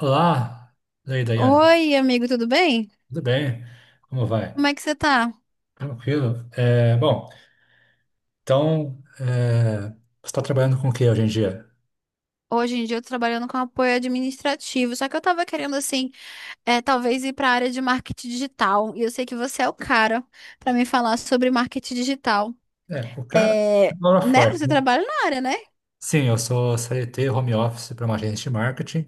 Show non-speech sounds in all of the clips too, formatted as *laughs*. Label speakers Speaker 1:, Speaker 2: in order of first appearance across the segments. Speaker 1: Olá, Leida Yane.
Speaker 2: Oi, amigo, tudo bem?
Speaker 1: Tudo bem? Como vai?
Speaker 2: Como é que você tá?
Speaker 1: Tranquilo? Bom, então, você está trabalhando com o que hoje em dia?
Speaker 2: Hoje em dia eu tô trabalhando com apoio administrativo, só que eu tava querendo, assim, talvez ir pra área de marketing digital. E eu sei que você é o cara pra me falar sobre marketing digital.
Speaker 1: O cara
Speaker 2: É,
Speaker 1: trabalha
Speaker 2: né?
Speaker 1: forte,
Speaker 2: Você
Speaker 1: né?
Speaker 2: trabalha na área, né?
Speaker 1: Sim, eu sou CLT home office para uma agência de marketing,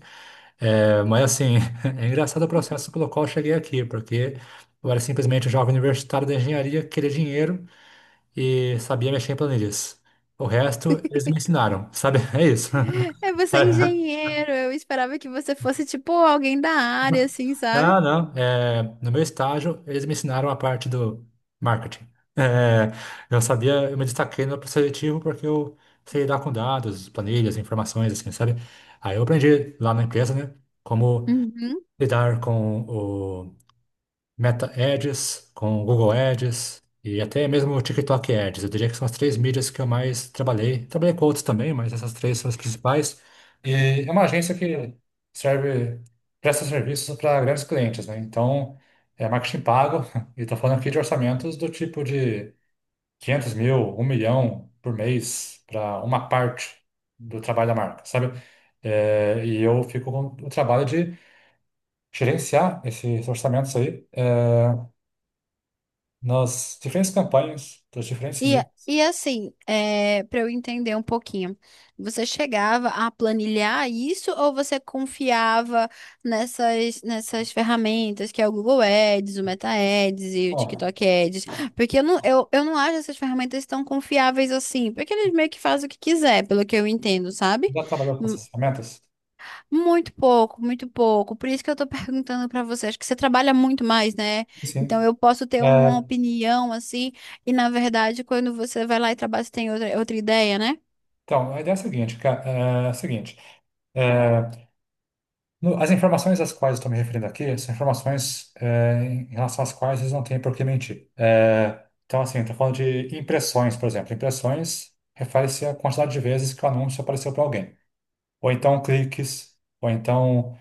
Speaker 1: mas assim, *laughs* é engraçado o processo pelo qual eu cheguei aqui, porque eu era simplesmente um jovem universitário da engenharia, que queria dinheiro e sabia mexer em planilhas. O resto, eles me ensinaram, sabe? *laughs* É isso.
Speaker 2: *laughs* É,
Speaker 1: *laughs*
Speaker 2: você é engenheiro, eu esperava que você fosse, tipo, alguém da área, assim,
Speaker 1: Não,
Speaker 2: sabe?
Speaker 1: não. No meu estágio, eles me ensinaram a parte do marketing. É, eu sabia, eu me destaquei no processo seletivo porque eu sei lidar com dados, planilhas, informações, assim, sabe? Aí eu aprendi lá na empresa, né, como
Speaker 2: Uhum.
Speaker 1: lidar com Meta Ads, com Google Ads e até mesmo o TikTok Ads. Eu diria que são as três mídias que eu mais trabalhei. Trabalhei com outros também, mas essas três são as principais. E é uma agência que serve, presta serviços para grandes clientes, né? Então, é marketing pago *laughs* e estou falando aqui de orçamentos do tipo de 500 mil, um milhão por mês para uma parte do trabalho da marca, sabe? E eu fico com o trabalho de gerenciar esses orçamentos nas diferentes campanhas dos diferentes
Speaker 2: E,
Speaker 1: mídias.
Speaker 2: e assim, para eu entender um pouquinho, você chegava a planilhar isso ou você confiava nessas ferramentas que é o Google Ads, o Meta Ads e o
Speaker 1: Bom,
Speaker 2: TikTok Ads? Porque eu não acho essas ferramentas tão confiáveis assim, porque eles meio que fazem o que quiser, pelo que eu entendo, sabe?
Speaker 1: já trabalhou com essas ferramentas?
Speaker 2: Muito pouco, muito pouco. Por isso que eu tô *laughs* perguntando pra você. Acho que você trabalha muito mais, né?
Speaker 1: Sim.
Speaker 2: Então eu posso ter
Speaker 1: É,
Speaker 2: uma opinião assim, e na verdade, quando você vai lá e trabalha, você tem outra ideia, né?
Speaker 1: então, a ideia é a seguinte, é a seguinte é, as informações às quais eu estou me referindo aqui são informações em relação às quais eles não têm por que mentir. Então, assim, estou falando de impressões, por exemplo. Impressões refere-se à quantidade de vezes que o anúncio apareceu para alguém. Ou então cliques, ou então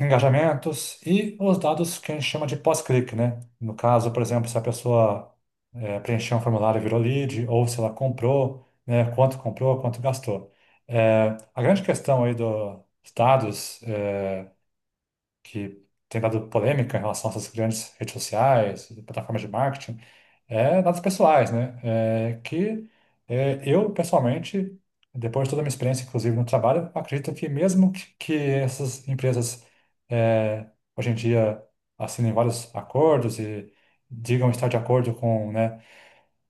Speaker 1: engajamentos e os dados que a gente chama de pós-clique, né? No caso, por exemplo, se a pessoa preencheu um formulário e virou lead, ou se ela comprou, né? Quanto comprou, quanto gastou. A grande questão aí dos dados, que tem dado polêmica em relação a essas grandes redes sociais, plataformas de marketing, é dados pessoais, né? Eu, pessoalmente, depois de toda a minha experiência, inclusive no trabalho, acredito que mesmo que essas empresas é, hoje em dia assinem vários acordos e digam estar de acordo com, né,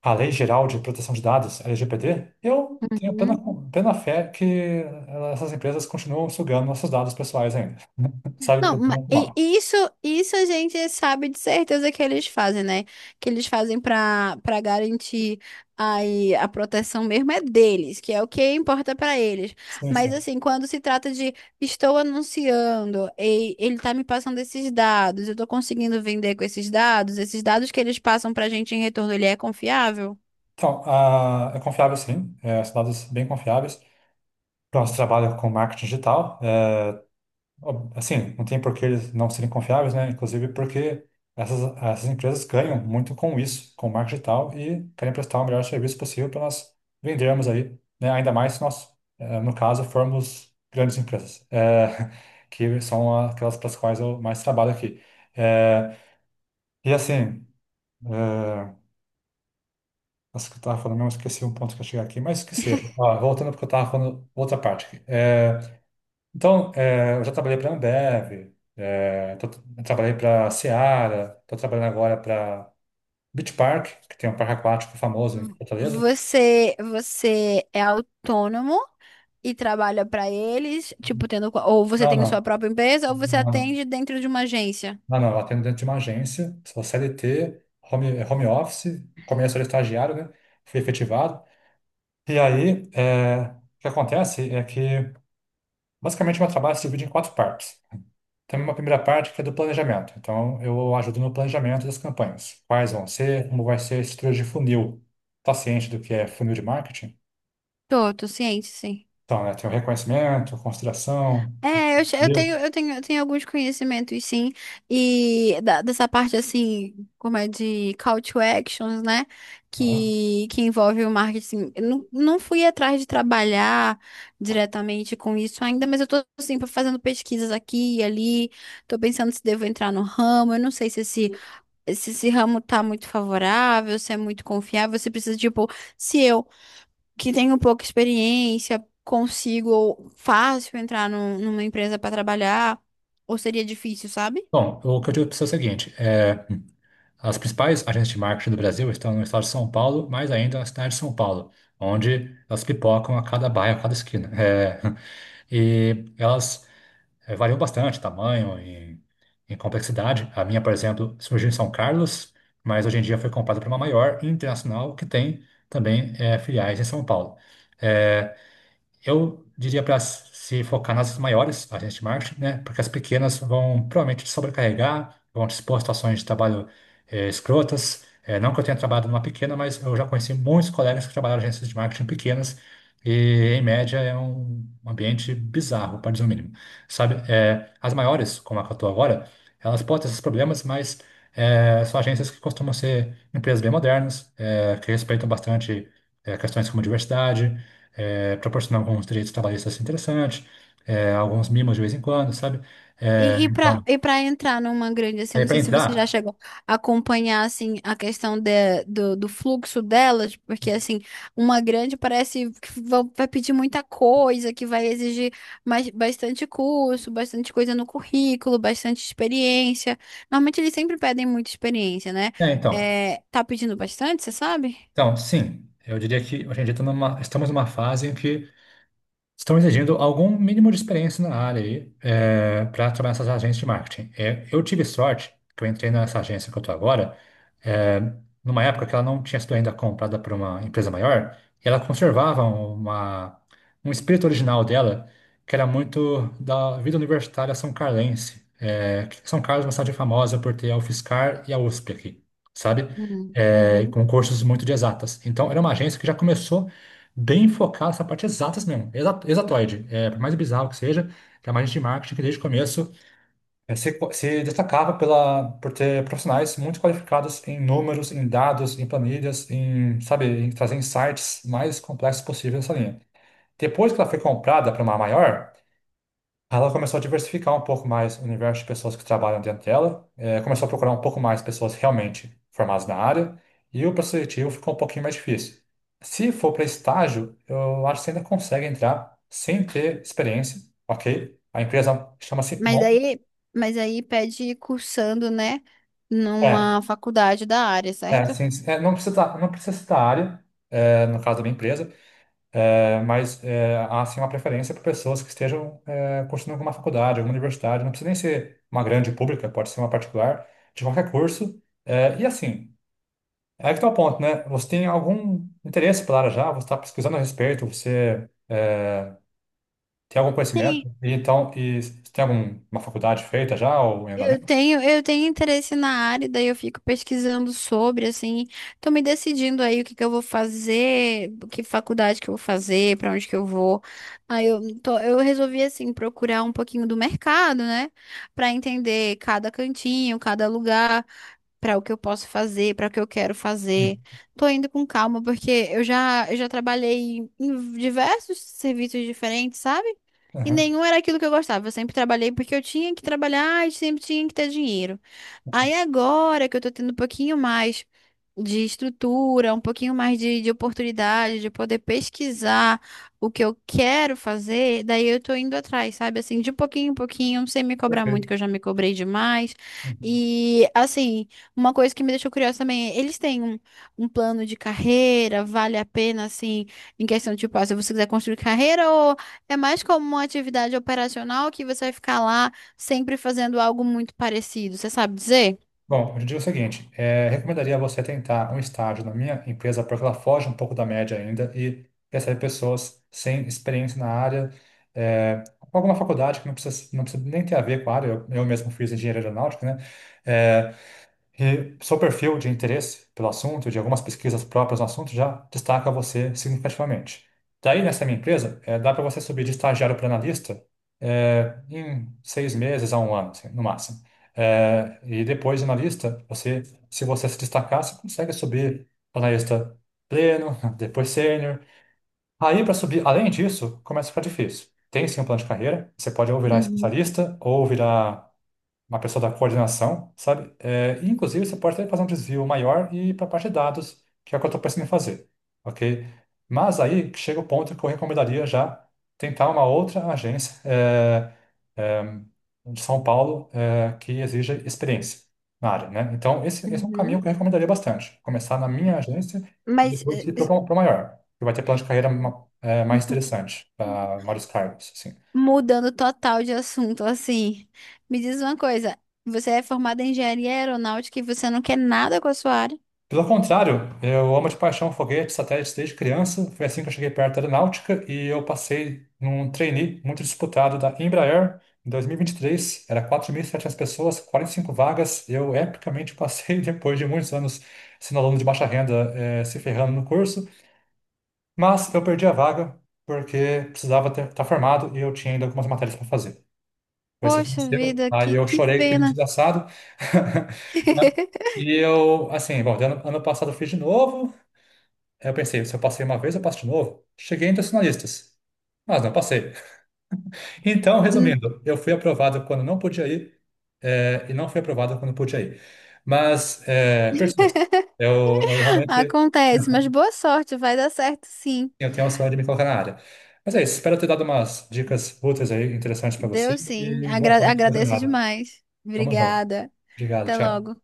Speaker 1: a Lei Geral de Proteção de Dados, LGPD, eu tenho plena,
Speaker 2: Uhum.
Speaker 1: plena fé que essas empresas continuam sugando nossos dados pessoais ainda. *laughs* Sabe?
Speaker 2: Não,
Speaker 1: Por bem
Speaker 2: ma-
Speaker 1: ou por mal.
Speaker 2: e isso a gente sabe de certeza que eles fazem, né? Que eles fazem para garantir aí a proteção mesmo é deles, que é o que importa para eles.
Speaker 1: Sim,
Speaker 2: Mas
Speaker 1: sim.
Speaker 2: assim, quando se trata de estou anunciando e ele tá me passando esses dados, eu tô conseguindo vender com esses dados que eles passam pra gente em retorno, ele é confiável?
Speaker 1: Então, é confiável sim, são dados bem confiáveis. Pronto, trabalha com marketing digital. Assim, não tem por que eles não serem confiáveis, né? Inclusive porque essas empresas ganham muito com isso, com o marketing digital, e querem prestar o melhor serviço possível para nós vendermos aí, né? Ainda mais se nós, no caso, formos grandes empresas, *laughs* que são aquelas para as quais eu mais trabalho aqui. É, e assim, é, acho que eu estava falando, mesmo esqueci um ponto que eu cheguei aqui, mas esqueci. Ó, voltando porque eu estava falando outra parte aqui. Então, eu já trabalhei para a Ambev, trabalhei para a Seara, estou trabalhando agora para Beach Park, que tem um parque aquático famoso em
Speaker 2: V-
Speaker 1: Fortaleza.
Speaker 2: Você é autônomo e trabalha pra eles, Ou você
Speaker 1: Não,
Speaker 2: tem sua
Speaker 1: não,
Speaker 2: própria empresa, ou você
Speaker 1: não, não,
Speaker 2: atende dentro de uma agência.
Speaker 1: não, não, eu atendo dentro de uma agência, sou CLT, home office, começo era estagiário, né? Fui efetivado. E aí, o que acontece é que, basicamente, meu trabalho se divide em quatro partes. Tem uma primeira parte que é do planejamento. Então, eu ajudo no planejamento das campanhas. Quais vão ser, como vai ser a estrutura de funil. Está ciente do que é funil de marketing?
Speaker 2: Tô, tô ciente, sim.
Speaker 1: Então, né, tem o reconhecimento, consideração.
Speaker 2: Eu tenho,
Speaker 1: Entendeu?
Speaker 2: eu tenho alguns conhecimentos, sim, e dessa parte, assim, como é de call to actions, né,
Speaker 1: Aham.
Speaker 2: que envolve o marketing. Eu não, Não fui atrás de trabalhar diretamente com isso ainda, mas eu tô, assim, fazendo pesquisas aqui e ali, tô pensando se devo entrar no ramo, eu não sei se esse ramo tá muito favorável, se é muito confiável, você precisa, tipo, se eu, que tenho pouca experiência, consigo fácil entrar numa empresa para trabalhar, ou seria difícil, sabe?
Speaker 1: Bom, o que eu digo para você é o seguinte: as principais agências de marketing do Brasil estão no estado de São Paulo, mais ainda na cidade de São Paulo, onde elas pipocam a cada bairro, a cada esquina. *laughs* E elas variam bastante, tamanho e complexidade. A minha, por exemplo, surgiu em São Carlos, mas hoje em dia foi comprada por uma maior internacional que tem também filiais em São Paulo. É, eu diria para se focar nas maiores, agências de marketing, né? Porque as pequenas vão provavelmente te sobrecarregar, vão te expor a situações de trabalho escrotas. Não que eu tenha trabalhado numa pequena, mas eu já conheci muitos colegas que trabalharam em agências de marketing pequenas e, em média, é um ambiente bizarro, para dizer o mínimo. Sabe? As maiores, como a que eu estou agora, elas podem ter esses problemas, mas são agências que costumam ser empresas bem modernas, que respeitam bastante questões como diversidade, proporcionar alguns direitos trabalhistas assim interessantes, alguns mimos de vez em quando, sabe? É, então,
Speaker 2: E para entrar numa grande, assim,
Speaker 1: é
Speaker 2: não
Speaker 1: para
Speaker 2: sei se você já
Speaker 1: entrar.
Speaker 2: chegou a acompanhar, assim, a questão de, do fluxo delas, porque, assim, uma grande parece que vai pedir muita coisa, que vai exigir mais, bastante curso, bastante coisa no currículo, bastante experiência. Normalmente eles sempre pedem muita experiência, né?
Speaker 1: Então,
Speaker 2: É, tá pedindo bastante, você sabe?
Speaker 1: sim, eu diria que hoje em dia estamos numa fase em que estão exigindo algum mínimo de experiência na área aí, para trabalhar nessas agências de marketing. É, eu tive sorte que eu entrei nessa agência que eu estou agora, é, numa época que ela não tinha sido ainda comprada por uma empresa maior, e ela conservava uma, um espírito original dela, que era muito da vida universitária são carlense. Que São Carlos é uma cidade famosa por ter a UFSCar e a USP aqui, sabe?
Speaker 2: Uhum,
Speaker 1: E
Speaker 2: uhum.
Speaker 1: com cursos muito de exatas. Então, era uma agência que já começou bem focado essa parte exatas mesmo, exatoide. É, por mais bizarro que seja, tem uma gente de marketing que desde o começo se destacava pela, por ter profissionais muito qualificados em números, em dados, em planilhas, em, sabe, em trazer insights mais complexos possíveis nessa linha. Depois que ela foi comprada para uma maior, ela começou a diversificar um pouco mais o universo de pessoas que trabalham dentro dela, começou a procurar um pouco mais pessoas realmente formadas na área, e o processo seletivo ficou um pouquinho mais difícil. Se for para estágio, eu acho que você ainda consegue entrar sem ter experiência, ok? A empresa chama-se
Speaker 2: Mas
Speaker 1: Mon.
Speaker 2: daí, mas aí pede cursando, né,
Speaker 1: É,
Speaker 2: numa faculdade da área,
Speaker 1: é,
Speaker 2: certo?
Speaker 1: sim, sim. Não precisa, não precisa citar a área, no caso da minha empresa, mas há sim uma preferência por pessoas que estejam cursando alguma faculdade, alguma universidade, não precisa nem ser uma grande pública, pode ser uma particular, de qualquer curso. E assim, é que está o ponto, né? Você tem algum interesse pela área já, você está pesquisando a respeito, tem algum conhecimento,
Speaker 2: Sim,
Speaker 1: e então, e você tem alguma faculdade feita já, ou em
Speaker 2: eu
Speaker 1: andamento?
Speaker 2: tenho, interesse na área, daí eu fico pesquisando sobre, assim, tô me decidindo aí o que que eu vou fazer, que faculdade que eu vou fazer, pra onde que eu vou. Eu resolvi assim procurar um pouquinho do mercado, né, pra entender cada cantinho, cada lugar para o que eu posso fazer, para o que eu quero fazer.
Speaker 1: Hum.
Speaker 2: Tô indo com calma, porque eu já trabalhei em diversos serviços diferentes, sabe? E
Speaker 1: Aham.
Speaker 2: nenhum era aquilo que eu gostava. Eu sempre trabalhei porque eu tinha que trabalhar e sempre tinha que ter dinheiro. Aí agora que eu tô tendo um pouquinho mais de estrutura, um pouquinho mais de oportunidade, de poder pesquisar o que eu quero fazer, daí eu tô indo atrás, sabe? Assim, de pouquinho em pouquinho, sem me cobrar muito,
Speaker 1: Perfeito.
Speaker 2: que eu já me cobrei demais.
Speaker 1: Uhum.
Speaker 2: E assim. Uma coisa que me deixou curiosa também, é, eles têm um plano de carreira, vale a pena, assim, em questão de, tipo, ah, se você quiser construir carreira, ou é mais como uma atividade operacional que você vai ficar lá sempre fazendo algo muito parecido, você sabe dizer?
Speaker 1: Bom, eu te digo o seguinte, recomendaria você tentar um estágio na minha empresa, porque ela foge um pouco da média ainda e recebe pessoas sem experiência na área, com alguma faculdade que não precisa, não precisa nem ter a ver com a área, eu mesmo fiz engenharia aeronáutica, né? É, e seu perfil de interesse pelo assunto, de algumas pesquisas próprias no assunto, já destaca você significativamente. Daí, nessa minha empresa, dá para você subir de estagiário para analista em 6 meses a um ano, assim, no máximo. E depois de analista, você se destacar, você consegue subir para analista pleno, *laughs* depois sênior. Aí, para subir, além disso, começa a ficar difícil. Tem sim um plano de carreira, você pode ou virar
Speaker 2: Uhum,
Speaker 1: especialista ou virar uma pessoa da coordenação, sabe? É, e, inclusive, você pode até fazer um desvio maior e ir para a parte de dados, que é o que eu estou pensando em fazer, ok? Mas aí chega o ponto que eu recomendaria já tentar uma outra agência é, de São Paulo, que exija experiência na área, né? Então, esse é um
Speaker 2: uhum.
Speaker 1: caminho que eu recomendaria bastante. Começar na minha agência e
Speaker 2: Mas
Speaker 1: depois
Speaker 2: eh,
Speaker 1: ir para
Speaker 2: eh,
Speaker 1: o maior, que vai ter plano de carreira mais interessante para vários cargos, assim.
Speaker 2: Mudando total de assunto, assim, me diz uma coisa, você é formada em engenharia aeronáutica e você não quer nada com a sua área?
Speaker 1: Pelo contrário, eu amo de paixão foguetes, satélites desde criança. Foi assim que eu cheguei perto da aeronáutica e eu passei num trainee muito disputado da Embraer em 2023. Era 4.700 pessoas, 45 vagas. Eu epicamente passei *laughs* depois de muitos anos sendo aluno de baixa renda, se ferrando no curso, mas eu perdi a vaga porque precisava estar formado e eu tinha ainda algumas matérias para fazer. Foi isso que
Speaker 2: Poxa
Speaker 1: aconteceu.
Speaker 2: vida,
Speaker 1: Aí eu
Speaker 2: que
Speaker 1: chorei que nem
Speaker 2: pena.
Speaker 1: desgraçado. *laughs*
Speaker 2: *laughs*
Speaker 1: E eu, assim, bom, ano passado eu fiz de novo, aí eu pensei, se eu passei uma vez, eu passo de novo. Cheguei entre os finalistas, mas não passei. *laughs* Então, resumindo, eu fui aprovado quando não podia ir, e não fui aprovado quando podia ir. Mas, é, persisto. Eu realmente
Speaker 2: Acontece, mas
Speaker 1: *laughs*
Speaker 2: boa sorte, vai dar certo sim.
Speaker 1: eu tenho um sonho de me colocar na área. Mas é isso, espero ter dado umas dicas úteis aí, interessantes para você,
Speaker 2: Deu sim.
Speaker 1: e boa sorte na sua
Speaker 2: Agradeço
Speaker 1: jornada.
Speaker 2: demais.
Speaker 1: Tamo junto.
Speaker 2: Obrigada.
Speaker 1: Obrigado,
Speaker 2: Até
Speaker 1: tchau.
Speaker 2: logo.